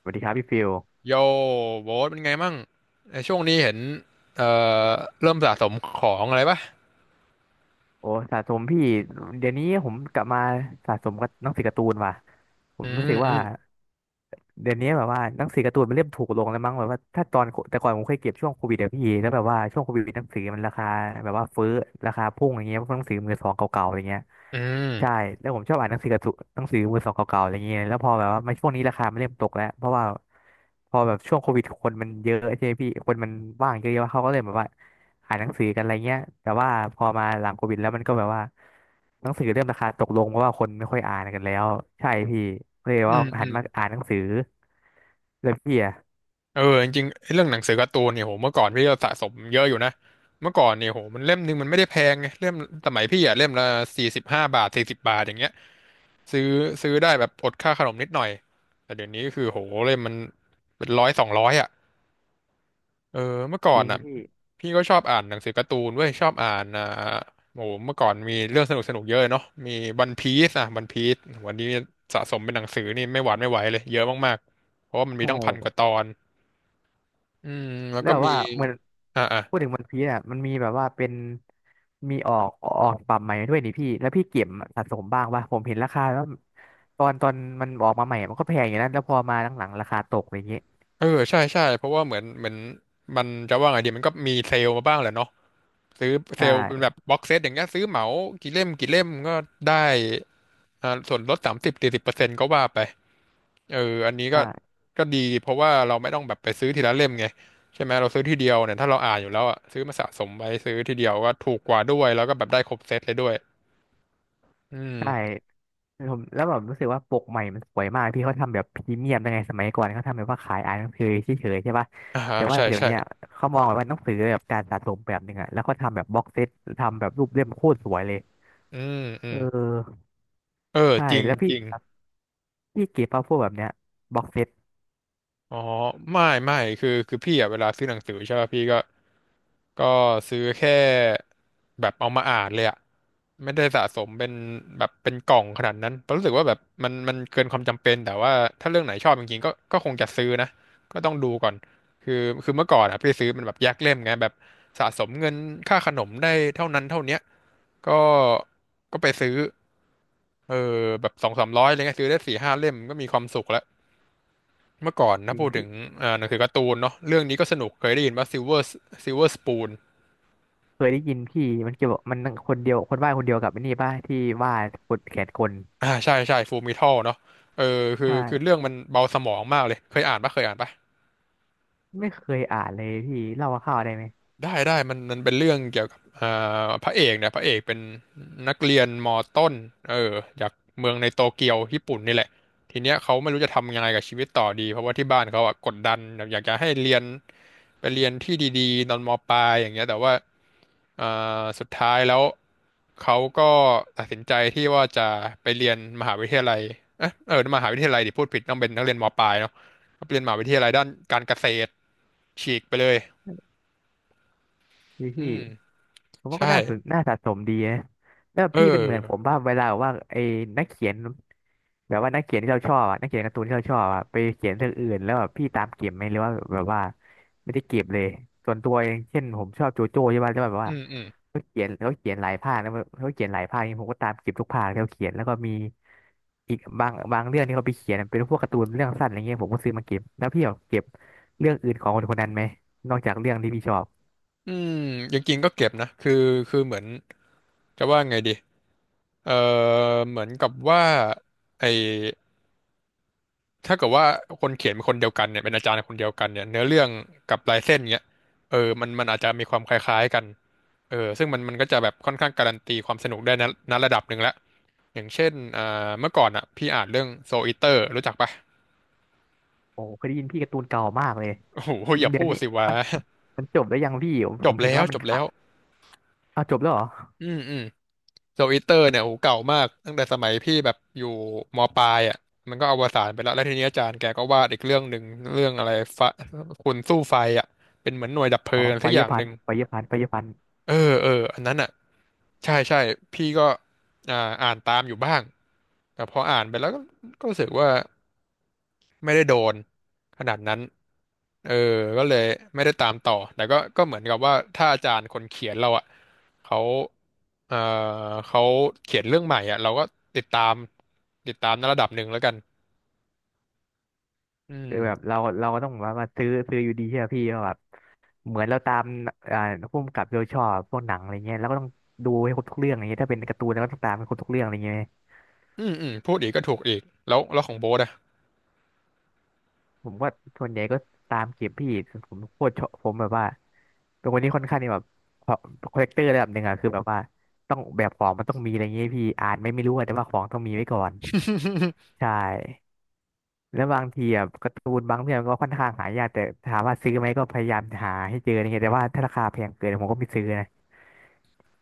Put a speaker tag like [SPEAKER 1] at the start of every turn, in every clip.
[SPEAKER 1] สวัสดีครับพี่ฟิล
[SPEAKER 2] โยโบ๊ทเป็นไงมั่งในช่วงนี้เห็นเอ่อเริ่มสะสมของอะไรปะ
[SPEAKER 1] โอ้สะสมพี่เดี๋ยวนี้ผมกลับมาสะสมกับหนังสือการ์ตูนว่ะผ
[SPEAKER 2] อื
[SPEAKER 1] มรู้
[SPEAKER 2] ม
[SPEAKER 1] สึก
[SPEAKER 2] อื
[SPEAKER 1] ว่า
[SPEAKER 2] ม
[SPEAKER 1] เดี๋ยวนี้แบบว่าหนังสือการ์ตูนมันเริ่มถูกลงแล้วมั้งแบบว่าถ้าตอนแต่ก่อนผมเคยเก็บช่วงโควิดเดี๋ยวพี่แล้วแบบว่าช่วงโควิดหนังสือมันราคาแบบว่าฟื้อราคาพุ่งอย่างเงี้ยเพวกหนังสือมือสองเก่าๆอย่างเงี้ย
[SPEAKER 2] อื
[SPEAKER 1] ใช่
[SPEAKER 2] ม
[SPEAKER 1] แล้วผมชอบอ่านหนังสือการ์ตูนหนังสือมือสองเก่าๆอะไรเงี้ยแล้วพอแบบว่ามาช่วงนี้ราคามันเริ่มตกแล้วเพราะว่าพอแบบช่วงโควิดคนมันเยอะใช่ไหมพี่คนมันว่างเยอะๆเขาก็เลยแบบว่าอ่านหนังสือกันอะไรเงี้ยแต่ว่าพอมาหลังโควิดแล้วมันก็แบบว่า หนังสือเริ่มราคาตกลงเพราะว่าคนไม่ค่อยอ่านกันแล้วใช่พี่เลย
[SPEAKER 2] อื
[SPEAKER 1] ว่า
[SPEAKER 2] ม
[SPEAKER 1] หั
[SPEAKER 2] อื
[SPEAKER 1] น
[SPEAKER 2] ม
[SPEAKER 1] มาอ่านหนังสือเลยพี่อะ
[SPEAKER 2] เออจริงๆไอ้เรื่องหนังสือการ์ตูนเนี่ยโหเมื่อก่อนพี่ก็สะสมเยอะอยู่นะ เมื่อก่อนเนี่ยโหมันเล่มหนึงมันไม่ได้แพงไงเล่มสมัยพี่อะเล่มละ45 บาท40 บาทอย่างเงี้ยซื้อซื้อได้แบบอดค่าขนมนิดหน่อยแต่เดี๋ยวนี้คือโหเล่มมันเป็นร้อยสองร้อยอะ เออเมื่อก่อ
[SPEAKER 1] จ
[SPEAKER 2] น
[SPEAKER 1] ริง
[SPEAKER 2] อ่ะ
[SPEAKER 1] พี่
[SPEAKER 2] พี่ก็ชอบอ่านหนังสือการ์ตูนเว้ยชอบอ่านอ่าโอ้โหเมื่อก่อนมีเรื่องสนุกสนุกเยอะเนาะมีวันพีซอ่ะวันพีซวันนี้สะสมเป็นหนังสือนี่ไม่หวานไม่ไหวเลยเยอะมากๆเพราะว่ามันมี
[SPEAKER 1] ใช่
[SPEAKER 2] ตั้ง1,000 กว่าตอนอืมแล้ว
[SPEAKER 1] แล้
[SPEAKER 2] ก็
[SPEAKER 1] วแบบ
[SPEAKER 2] มี
[SPEAKER 1] ว่าเหมือน
[SPEAKER 2] อ่าอ่ะ
[SPEAKER 1] พูดถึงวันพีซอ่ะมันมีแบบว่าเป็นมีออกออกฉบับใหม่ด้วยนี่พี่แล้วพี่เก็บสะสมบ้างป่ะผมเห็นราคาแล้วตอนมันออกมาใหม่มันก็แพงอย่างนั้นแล้วพอมาหลังๆราคาตกอย่างเงี้ย
[SPEAKER 2] เออใช่ใช่เพราะว่าเหมือนมันจะว่าไงดีมันก็มีเซลล์มาบ้างแหละเนาะซื้อ
[SPEAKER 1] ใช
[SPEAKER 2] เซลล์เป็นแบบ
[SPEAKER 1] ่
[SPEAKER 2] บ็อกเซตอย่างเงี้ยซื้อเหมากี่เล่มกี่เล่มก็ได้อ่าส่วนลด30-40%ก็ว่าไป เอออันนี้ก็
[SPEAKER 1] ใช่
[SPEAKER 2] ก็ดีเพราะว่าเราไม่ต้องแบบไปซื้อทีละเล่มไงใช่ไหมเราซื้อทีเดียวเนี่ยถ้าเราอ่านอยู่แล้วอ่ะซื้อมาสะสมไว้ซื้อทีเดียวก็ถูกกว่าด้วยแล้วก็แบบได้ครบเซตเลยด้วยอื
[SPEAKER 1] ใช่
[SPEAKER 2] ม
[SPEAKER 1] ผมแล้วแบบรู้สึกว่าปกใหม่มันสวยมากพี่เขาทำแบบพรีเมียมยังไงสมัยก่อนเขาทำแบบว่าขายอ่านหนังสือเฉยๆใช่ปะ
[SPEAKER 2] อ่า
[SPEAKER 1] แต่ว่า
[SPEAKER 2] ใช่
[SPEAKER 1] เดี๋ยว
[SPEAKER 2] ใช่
[SPEAKER 1] เนี้ยเขามองแบบว่าหนังสือแบบการสะสมแบบหนึ่งอะแล้วก็ทำแบบบ็อกเซตทำแบบรูปเล่มโคตรสวยเลย
[SPEAKER 2] อืมอื
[SPEAKER 1] เ
[SPEAKER 2] ม
[SPEAKER 1] ออ
[SPEAKER 2] เออ
[SPEAKER 1] ใช่
[SPEAKER 2] จริง
[SPEAKER 1] แล้วพี่
[SPEAKER 2] จริง
[SPEAKER 1] พี่เก็บมาพวกแบบเนี้ยบ็อกเซต
[SPEAKER 2] อ๋อไม่ไม่คือพี่อ่ะเวลาซื้อหนังสือใช่ป่ะพี่ก็ก็ซื้อแค่แบบเอามาอ่านเลยอ่ะ ไม่ได้สะสมเป็นแบบเป็นกล่องขนาดนั้นเพราะรู้สึกว่าแบบมันเกินความจำเป็น แต่ว่าถ้าเรื่องไหนชอบจริงๆก็ก็คงจะซื้อนะก็ต้องดูก่อน คือเมื่อก่อนอะพี่ซื้อมันแบบแยกเล่มไงแบบสะสมเงินค่าขนมได้เท่านั้นเท่าเนี้ยก็ก็ไปซื้อเออแบบสองสามร้อยอะไรเงี้ยซื้อได้สี่ห้าเล่มก็มีความสุขแล้วเมื่อก่อน
[SPEAKER 1] จ
[SPEAKER 2] นะ
[SPEAKER 1] ริง
[SPEAKER 2] พูดถึ
[SPEAKER 1] พี่
[SPEAKER 2] งอ่าหนังสือการ์ตูนเนาะเรื่องนี้ก็สนุกเคยได้ยินว่า Silver Silver Spoon
[SPEAKER 1] เคยได้ยินพี่มันเกี่ยวกับมันคนเดียวคนวาดคนเดียวกับไอ้นี่ป่ะที่วาดคนแขนคน
[SPEAKER 2] อ่าใช่ใช่ฟูมิทัลเนาะเออคือ
[SPEAKER 1] ใช่
[SPEAKER 2] คือเรื่องมันเบาสมองมากเลยเคยอ่านปะเคยอ่านปะ
[SPEAKER 1] ไม่เคยอ่านเลยพี่เล่าคร่าวๆได้ไหม
[SPEAKER 2] ได้ได้มันเป็นเรื่องเกี่ยวกับเอ่าพระเอกเนี่ยพระเอกเป็นนักเรียนมอต้นเออจากเมืองในโตเกียวญี่ปุ่นนี่แหละทีเนี้ยเขาไม่รู้จะทำยังไงกับชีวิตต่อดีเพราะว่าที่บ้านเขาอะกดดันแบบอยากจะให้เรียนไปเรียนที่ดีๆตอนมปลายอย่างเงี้ยแต่ว่าเอ่สุดท้ายแล้วเขาก็ตัดสินใจที่ว่าจะไปเรียนมหาวิทยาลัยเอะเออมหาวิทยาลัยดิพูดผิดต้องเป็นนักเรียนมปลายเนาะไปเรียนมหาวิทยาลัยด้านการเกษตรฉีกไปเลย
[SPEAKER 1] พี่พี่
[SPEAKER 2] อืม
[SPEAKER 1] ผมว่าก็
[SPEAKER 2] ใช่
[SPEAKER 1] น่าสนน่าสะสมดีนะแล้ว
[SPEAKER 2] เอ
[SPEAKER 1] พี่เป็นเหมือนผม
[SPEAKER 2] อ
[SPEAKER 1] ว่าเวลาแบบว่าไอ้นักเขียนแบบว่านักเขียนที่เราชอบอะนักเขียนการ์ตูนที่เราชอบอะไปเขียนเรื่องอื่นแล้วแบบพี่ตามเก็บไหมหรือว่าแบบว่าไม่ได้เก็บเลยส่วนตัวเองเช่นผมชอบโจโจ้ใช่ไหมแล้วแบบ
[SPEAKER 2] อื
[SPEAKER 1] ว่า
[SPEAKER 2] มอืม
[SPEAKER 1] เขาเขียนหลายภาคนะเขาเขียนหลายภาคนี่ผมก็ตามเก็บทุกภาคที่เขาเขียนแล้วก็มีอีกบางเรื่องที่เขาไปเขียนเป็นพวกการ์ตูนเรื่องสั้นอะไรเงี้ยผมก็ซื้อมาเก็บแล้วพี่แบบเก็บเรื่องอื่นของคนคนนั้นไหมนอกจากเรื่องที่พี่ชอบ
[SPEAKER 2] อืมจริงๆก็เก็บนะคือคือเหมือนจะว่าไงดีเออเหมือนกับว่าไอถ้าเกิดว่าคนเขียนเป็นคนเดียวกันเนี่ยเป็นอาจารย์คนเดียวกันเนี่ยเนื้อเรื่องกับลายเส้นเนี้ยเออมันอาจจะมีความคล้ายๆกันเออซึ่งมันก็จะแบบค่อนข้างการันตีความสนุกได้นะณระดับหนึ่งแล้วอย่างเช่นอ่าเมื่อก่อนอ่ะพี่อ่านเรื่องโซอิเตอร์รู้จักปะ
[SPEAKER 1] โอ้เคยได้ยินพี่การ์ตูนเก่ามากเลย
[SPEAKER 2] โอ้โหอย่า
[SPEAKER 1] เดี๋ย
[SPEAKER 2] พู
[SPEAKER 1] ว
[SPEAKER 2] ด
[SPEAKER 1] นี้
[SPEAKER 2] สิวะ
[SPEAKER 1] มันมันจบแล้วยังพี่ผม
[SPEAKER 2] จ
[SPEAKER 1] ผ
[SPEAKER 2] บ
[SPEAKER 1] มเห็น
[SPEAKER 2] แล้ว
[SPEAKER 1] ว่ามั
[SPEAKER 2] จ
[SPEAKER 1] น
[SPEAKER 2] บ
[SPEAKER 1] ขา
[SPEAKER 2] แล้
[SPEAKER 1] ด
[SPEAKER 2] ว
[SPEAKER 1] อ้าวจบแล้วเหรอ
[SPEAKER 2] อืมอืม โซอิเตอร์เนี่ยโหเก่ามากตั้งแต่สมัยพี่แบบอยู่มปลายอ่ะมันก็อวสานไปแล้วแล้วทีนี้อาจารย์แกก็วาดอีกเรื่องหนึ่งเรื่องอะไรฟะคุณสู้ไฟอ่ะเป็นเหมือนหน่วยดับเพลิ
[SPEAKER 1] อ๋อ
[SPEAKER 2] ง
[SPEAKER 1] ไฟ
[SPEAKER 2] สักอ
[SPEAKER 1] เยอ
[SPEAKER 2] ย่า
[SPEAKER 1] ร์
[SPEAKER 2] ง
[SPEAKER 1] พั
[SPEAKER 2] ห
[SPEAKER 1] น
[SPEAKER 2] นึ่ง
[SPEAKER 1] ไฟเยอร์พันไฟเยอร์พัน
[SPEAKER 2] เออเอออันนั้นอ่ะใช่ใช่พี่ก็อ่าอ่านตามอยู่บ้างแต่พออ่านไปแล้วก็ก็รู้สึกว่าไม่ได้โดนขนาดนั้น เออก็เลยไม่ได้ตามต่อ แต่ก็ก็เหมือนกับว่าถ้าอาจารย์คนเขียนเราอ่ะเขาเออเขาเขียนเรื่องใหม่อ่ะเราก็ติดตามติดตามในระดับหนึ่งแล้วกันอื
[SPEAKER 1] คือแบบ
[SPEAKER 2] ม
[SPEAKER 1] เราก็ต้องแบบว่าซื้ออยู่ดีใช่ไหมพี่ว่าแบบเหมือนเราตามอ่าผู้กำกับโดยชอบพวกหนังอะไรเงี้ยแล้วก็ต้องดูให้ครบทุกเรื่องอะไรเงี้ยถ้าเป็นการ์ตูนเราก็ต้องตามให้ครบทุกเรื่องอะไรเงี้ย
[SPEAKER 2] อืมอืมพูดอีกก็ถูกอีกแล้วแล้วของโบ๊ทอ่ะ
[SPEAKER 1] ผมก็ส่วนใหญ่ก็ตามเก็บพี่ผมโคตรชอบผมแบบว่าเป็นคนที่ค่อนข้างที่แบบคอลเลกเตอร์ระดับหนึ่งอะคือแบบว่าต้องแบบของมันต้องมีอะไรเงี้ยพี่อ่านไม่รู้อะแต่ว่าของต้องมีไว้ก่อนใช่แล้วบางทีอะการ์ตูนบางเรื่องก็ค่อนข้างหายากแต่ถามว่าซื้อไหมก็พยายามหาให้เจออะไรเงี้ยแต่ว่าถ้าราคาแพงเกินผมก็ไม่ซื้อนะ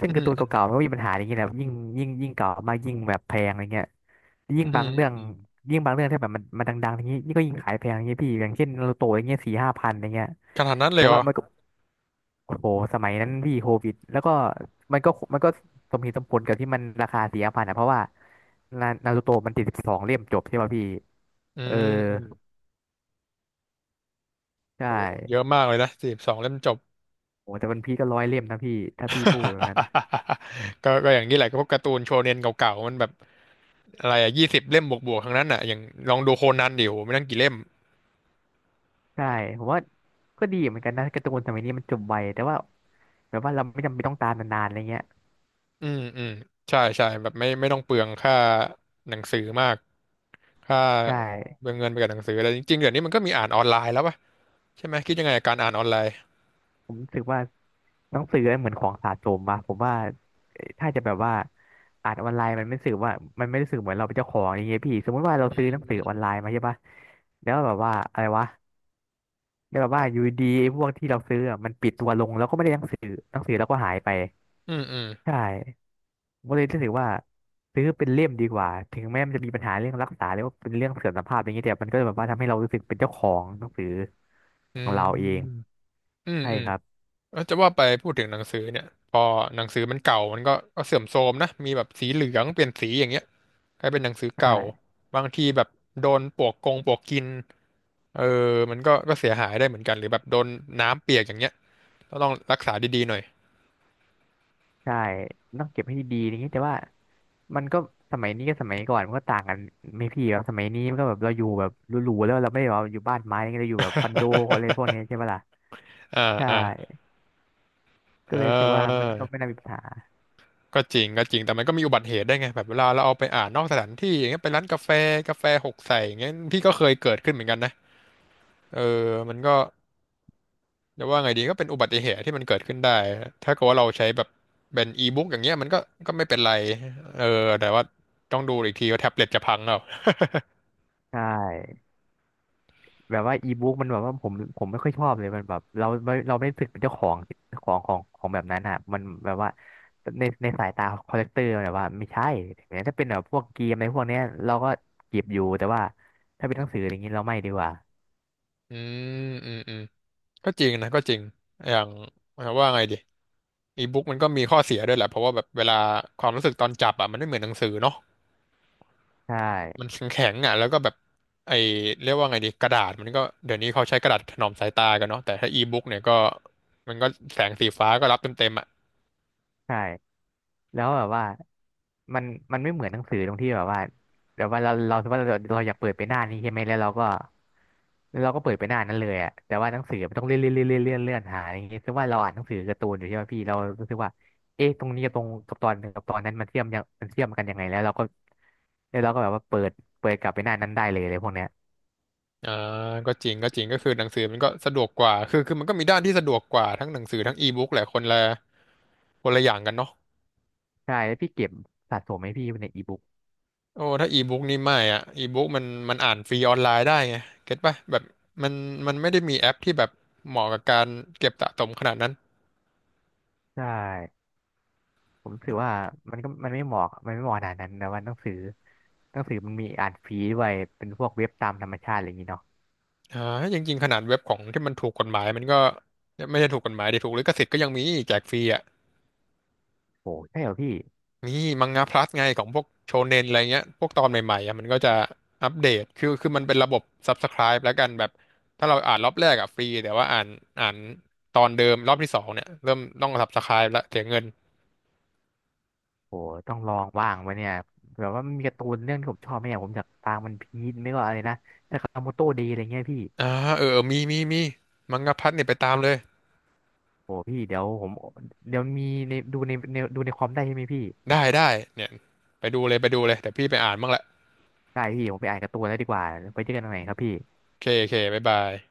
[SPEAKER 1] ซึ่ง
[SPEAKER 2] อื
[SPEAKER 1] การ์
[SPEAKER 2] ม
[SPEAKER 1] ตูน
[SPEAKER 2] อืม
[SPEAKER 1] เก่าๆมันก็มีปัญหาอย่างนี้แหละยิ่งเก่ามากยิ่งแบบแพงอะไรเงี้ยยิ่ง
[SPEAKER 2] อื
[SPEAKER 1] บาง
[SPEAKER 2] ม
[SPEAKER 1] เรื่อง
[SPEAKER 2] อืม
[SPEAKER 1] ยิ่งบางเรื่องที่แบบมันดังๆอย่างนี้นี่ก็ยิ่งขายแพงอย่างเงี้ยพี่อย่างเช่นนารูโตะอย่างเงี้ยสี่ห้าพันอย่างเงี้ย
[SPEAKER 2] ขนาดนั้นเล
[SPEAKER 1] แต่
[SPEAKER 2] ยเหรอ
[SPEAKER 1] ว่ามันก็โอ้โหสมัยนั้นพี่โควิดแล้วก็มันก็สมเหตุสมผลกับที่มันราคาสี่ห้าพันนะเพราะว่านารูโตะมันติด12เล่มจบใช่ป่ะพี่
[SPEAKER 2] อื
[SPEAKER 1] เออ
[SPEAKER 2] มอืม
[SPEAKER 1] ใช่
[SPEAKER 2] โอ้เยอะมากเลยนะสี่สบสองเล่มจบ
[SPEAKER 1] โอ้แต่วันพีก็100เล่มนะพี่ถ้าพี่พูดแล้วนะ
[SPEAKER 2] ก็ก็อย่างนี้แหละก็พวกการ์ตูนโชเนนเก่าๆมันแบบอะไรอะ20 เล่มบวกๆทั้งนั้นอ่ะอย่างลองดูโคนันดิโหไม่นั่งกี่เล่ม
[SPEAKER 1] ใช่ผมว่าก็ดีเหมือนกันนะการ์ตูนสมัยนี้มันจบไวแต่ว่าแบบว่าเราไม่จำเป็นต้องตามนานๆอะไรเงี้ย
[SPEAKER 2] อืมอืมใช่ใช่แบบไม่ต้องเปลืองค่าหนังสือมากค่า
[SPEAKER 1] ใช่
[SPEAKER 2] เปลืองเงินไปกับหนังสืออะไรจริงๆเดี๋ยวนี้มันก็มีอ่านออนไลน์แล้วป่ะใช่ไหมคิดยังไงกับการอ่านออนไลน์
[SPEAKER 1] ผมรู้สึกว่าหนังสือเหมือนของสะสมอะผมว่าถ้าจะแบบว่าอ่านออนไลน์มันไม่รู้สึกว่ามันไม่รู้สึกเหมือนเราเป็นเจ้าของอะไรเงี้ยพี่สมมติว่าเรา
[SPEAKER 2] อื
[SPEAKER 1] ซื้อหนังสือออนไล
[SPEAKER 2] ม
[SPEAKER 1] น์มาใช่ปะแล้วแบบว่าอะไรวะแล้วแบบว่าอยู่ดีๆไอ้พวกที่เราซื้ออะมันปิดตัวลงแล้วก็ไม่ได้หนังสือแล้วก็หายไป
[SPEAKER 2] อืมอืม
[SPEAKER 1] ใช่ ผมก็เลยรู้สึกว่าซื้อเป็นเล่มดีกว่าถึงแม้มันจะมีปัญหาเรื่องรักษาหรือว่าเป็นเรื่องเสื่อมสภาพอย่างเงี้ยแต่มันก็แบบว่าทำให้เรารู้สึกเป็นเจ้าของหนังสือ
[SPEAKER 2] อื
[SPEAKER 1] ของเราเอง
[SPEAKER 2] มอืม
[SPEAKER 1] ใช่
[SPEAKER 2] อืม
[SPEAKER 1] ครับ
[SPEAKER 2] เอ้ยจะว่าไปพูดถึงหนังสือเนี่ยพอหนังสือมันเก่ามันก็เสื่อมโทรมนะมีแบบสีเหลืองเปลี่ยนสีอย่างเงี้ยกลายเป็นหนังสือ
[SPEAKER 1] ใ
[SPEAKER 2] เก่า
[SPEAKER 1] ช่
[SPEAKER 2] บางทีแบบโดนปลวกกงปลวกกินเออมันก็เสียหายได้เหมือนกันหรือแบบโดนน้ำเปียกอย่างเงี้ยก็ต้องรักษาดีๆหน่อย
[SPEAKER 1] ใช่ต้องเก็บให้ดีๆอย่างนี้แต่ว่ามันก็สมัยนี้กับสมัยก่อนมันก็ต่างกันไม่พี่แบบสมัยนี้มันก็แบบเราอยู่แบบหรูๆแล้วเราไม่ได้แบบว่าอยู่บ้านไม้อะไรเงี้ยเราอยู่แบบคอนโดอะไรพวกนี้ใช่ปะล่ะ
[SPEAKER 2] อ่า
[SPEAKER 1] ใช่
[SPEAKER 2] อ่า
[SPEAKER 1] ก็
[SPEAKER 2] เอ
[SPEAKER 1] เลยรู้สึกว่ามัน
[SPEAKER 2] อ
[SPEAKER 1] ก็ไม่น่ามีปัญหา
[SPEAKER 2] ก็จริงก็จริงแต่มันก็มีอุบัติเหตุได้ไงแบบเวลาเราเอาไปอ่านนอกสถานที่อย่างเงี้ยไปร้านกาแฟกาแฟหกใส่อย่างเงี้ยพี่ก็เคยเกิดขึ้นเหมือนกันนะเออมันก็จะว่าไงดีก็เป็นอุบัติเหตุที่มันเกิดขึ้นได้ถ้าเกิดว่าเราใช้แบบเป็นอีบุ๊กอย่างเงี้ยมันก็ก็ไม่เป็นไรเออแต่ว่าต้องดูอีกทีว่าแท็บเล็ตจะพังแล้ว
[SPEAKER 1] ใช่ แบบว่าอีบุ๊กมันแบบว่าผมไม่ค่อยชอบเลยมันแบบเราไม่รู้สึกเป็นเจ้าของของแบบนั้นอ่ะมันแบบว่าในสายตาคอลเลกเตอร์แบบว่าไม่ใช่แต่ถ้าเป็นแบบพวกเกมในพวกเนี้ยเราก็เก็บอยู่แต่ว่าถ้าเป็นหนังสืออย่างนี้เราไม่ดีกว่า
[SPEAKER 2] อืมอืมอืมก็จริงนะก็จริงอย่างว่าไงดีอีบุ๊กมันก็มีข้อเสียด้วยแหละเพราะว่าแบบเวลาความรู้สึกตอนจับอ่ะมันไม่เหมือนหนังสือเนาะ
[SPEAKER 1] ใช
[SPEAKER 2] มัน
[SPEAKER 1] ่
[SPEAKER 2] แข็งๆอ่ะแล้วก็แบบไอเรียกว่าไงดีกระดาษมันก็เดี๋ยวนี้เขาใช้กระดาษถนอมสายตากันเนาะแต่ถ้าอีบุ๊กเนี่ยก็มันก็แสงสีฟ้าก็รับเต็มๆอ่ะ
[SPEAKER 1] ใช่แล้วแบบว่ามันมันไม่เหมือนหนังสือตรงที่แบบว่าแบบว่าเราสมมติว่าเราอยากเปิดไปหน้านี้ใช่ไหมแล้วเราก็แล้วเราก็เปิดไปหน้านั้นเลยอะแต่ว่าหนังสือมันต้องเลื่อนเลื่อนเลื่อนเลื่อนเลื่อนหาอย่างเงี้ยซึ่งว่าเราอ่านหนังสือการ์ตูนอยู่ใช่ไหมพี่เรารู้สึกว่าเอ๊ะตรงนี้กับตอนหนึ่งกับตอนนั้นมันเชื่อมกันยังไงแล้วเราก็แล้วเราก็แบบว่าเปิดกลับไปหน้านั้นได้เลยพวกเนี้ย
[SPEAKER 2] อ่าก็จริงก็จริงก็คือหนังสือมันก็สะดวกกว่าคือมันก็มีด้านที่สะดวกกว่าทั้งหนังสือทั้งอีบุ๊กแหละคนละคนละอย่างกันเนาะ
[SPEAKER 1] ใช่แล้วพี่เก็บสะสมไหมพี่ในอีบุ๊ก
[SPEAKER 2] โอ้ถ้าอีบุ๊กนี่ไม่อ่ะอีบุ๊กมันอ่านฟรีออนไลน์ได้ไงเก็ตป่ะแบบมันมันไม่ได้มีแอปที่แบบเหมาะกับการเก็บสะสมขนาดนั้น
[SPEAKER 1] ใช่ ผมรู้สึกว่ามันก็มันไม่เหมาะขนาดนั้นแต่ว่าหนังสือมันมีอ่านฟรีด้วยเป็นพวกเว็บตามธรรมชาติอะไรอย่างนี้เนาะ
[SPEAKER 2] อ่าจริงๆ ขนาดเว็บของที่มันถูกกฎหมายมันก็ไม่ใช่ถูกกฎหมายดิถูกลิขสิทธิ์ก็ยังมีแจกฟรีอ่ะ
[SPEAKER 1] โอ้ใช่เหรอพี่
[SPEAKER 2] มีมังงะพลัสไงของพวกโชเน็นอะไรเงี้ย พวกตอนใหม่ๆอ่ะมันก็จะอัปเดต คือมันเป็นระบบ Subscribe แล้วกันแบบถ้าเราอ่านรอบแรกอ่ะฟรีแต่ว่าอ่านตอนเดิมรอบที่สองเนี่ยเริ่มต้อง Subscribe แล้วเสียเงิน
[SPEAKER 1] โอ้ต้องลองบ้างวะเนี่ยแบบว่ามันมีการ์ตูนเรื่องที่ผมชอบไหมเนี่ยผมอยากตามมันพีชไม่ก็อะไรนะแต่คาโมโต้เดย์อะไรเงี้ยพี่
[SPEAKER 2] อ่าเออเออมีมังงะพลัสเนี่ยไปตามเลย
[SPEAKER 1] โอ้พี่เดี๋ยวผมเดี๋ยวมีในดูในในดูในคอมได้ใช่ไหมพี่
[SPEAKER 2] ได้เนี่ยไปดูเลยไปดูเลยแต่พี่ไปอ่านบ้างละ
[SPEAKER 1] ได้พี่ผมไปอ่านการ์ตูนแล้วดีกว่าไปเจอกันตรงไหนครับพี่
[SPEAKER 2] โอเคโอเคบ๊ายบาย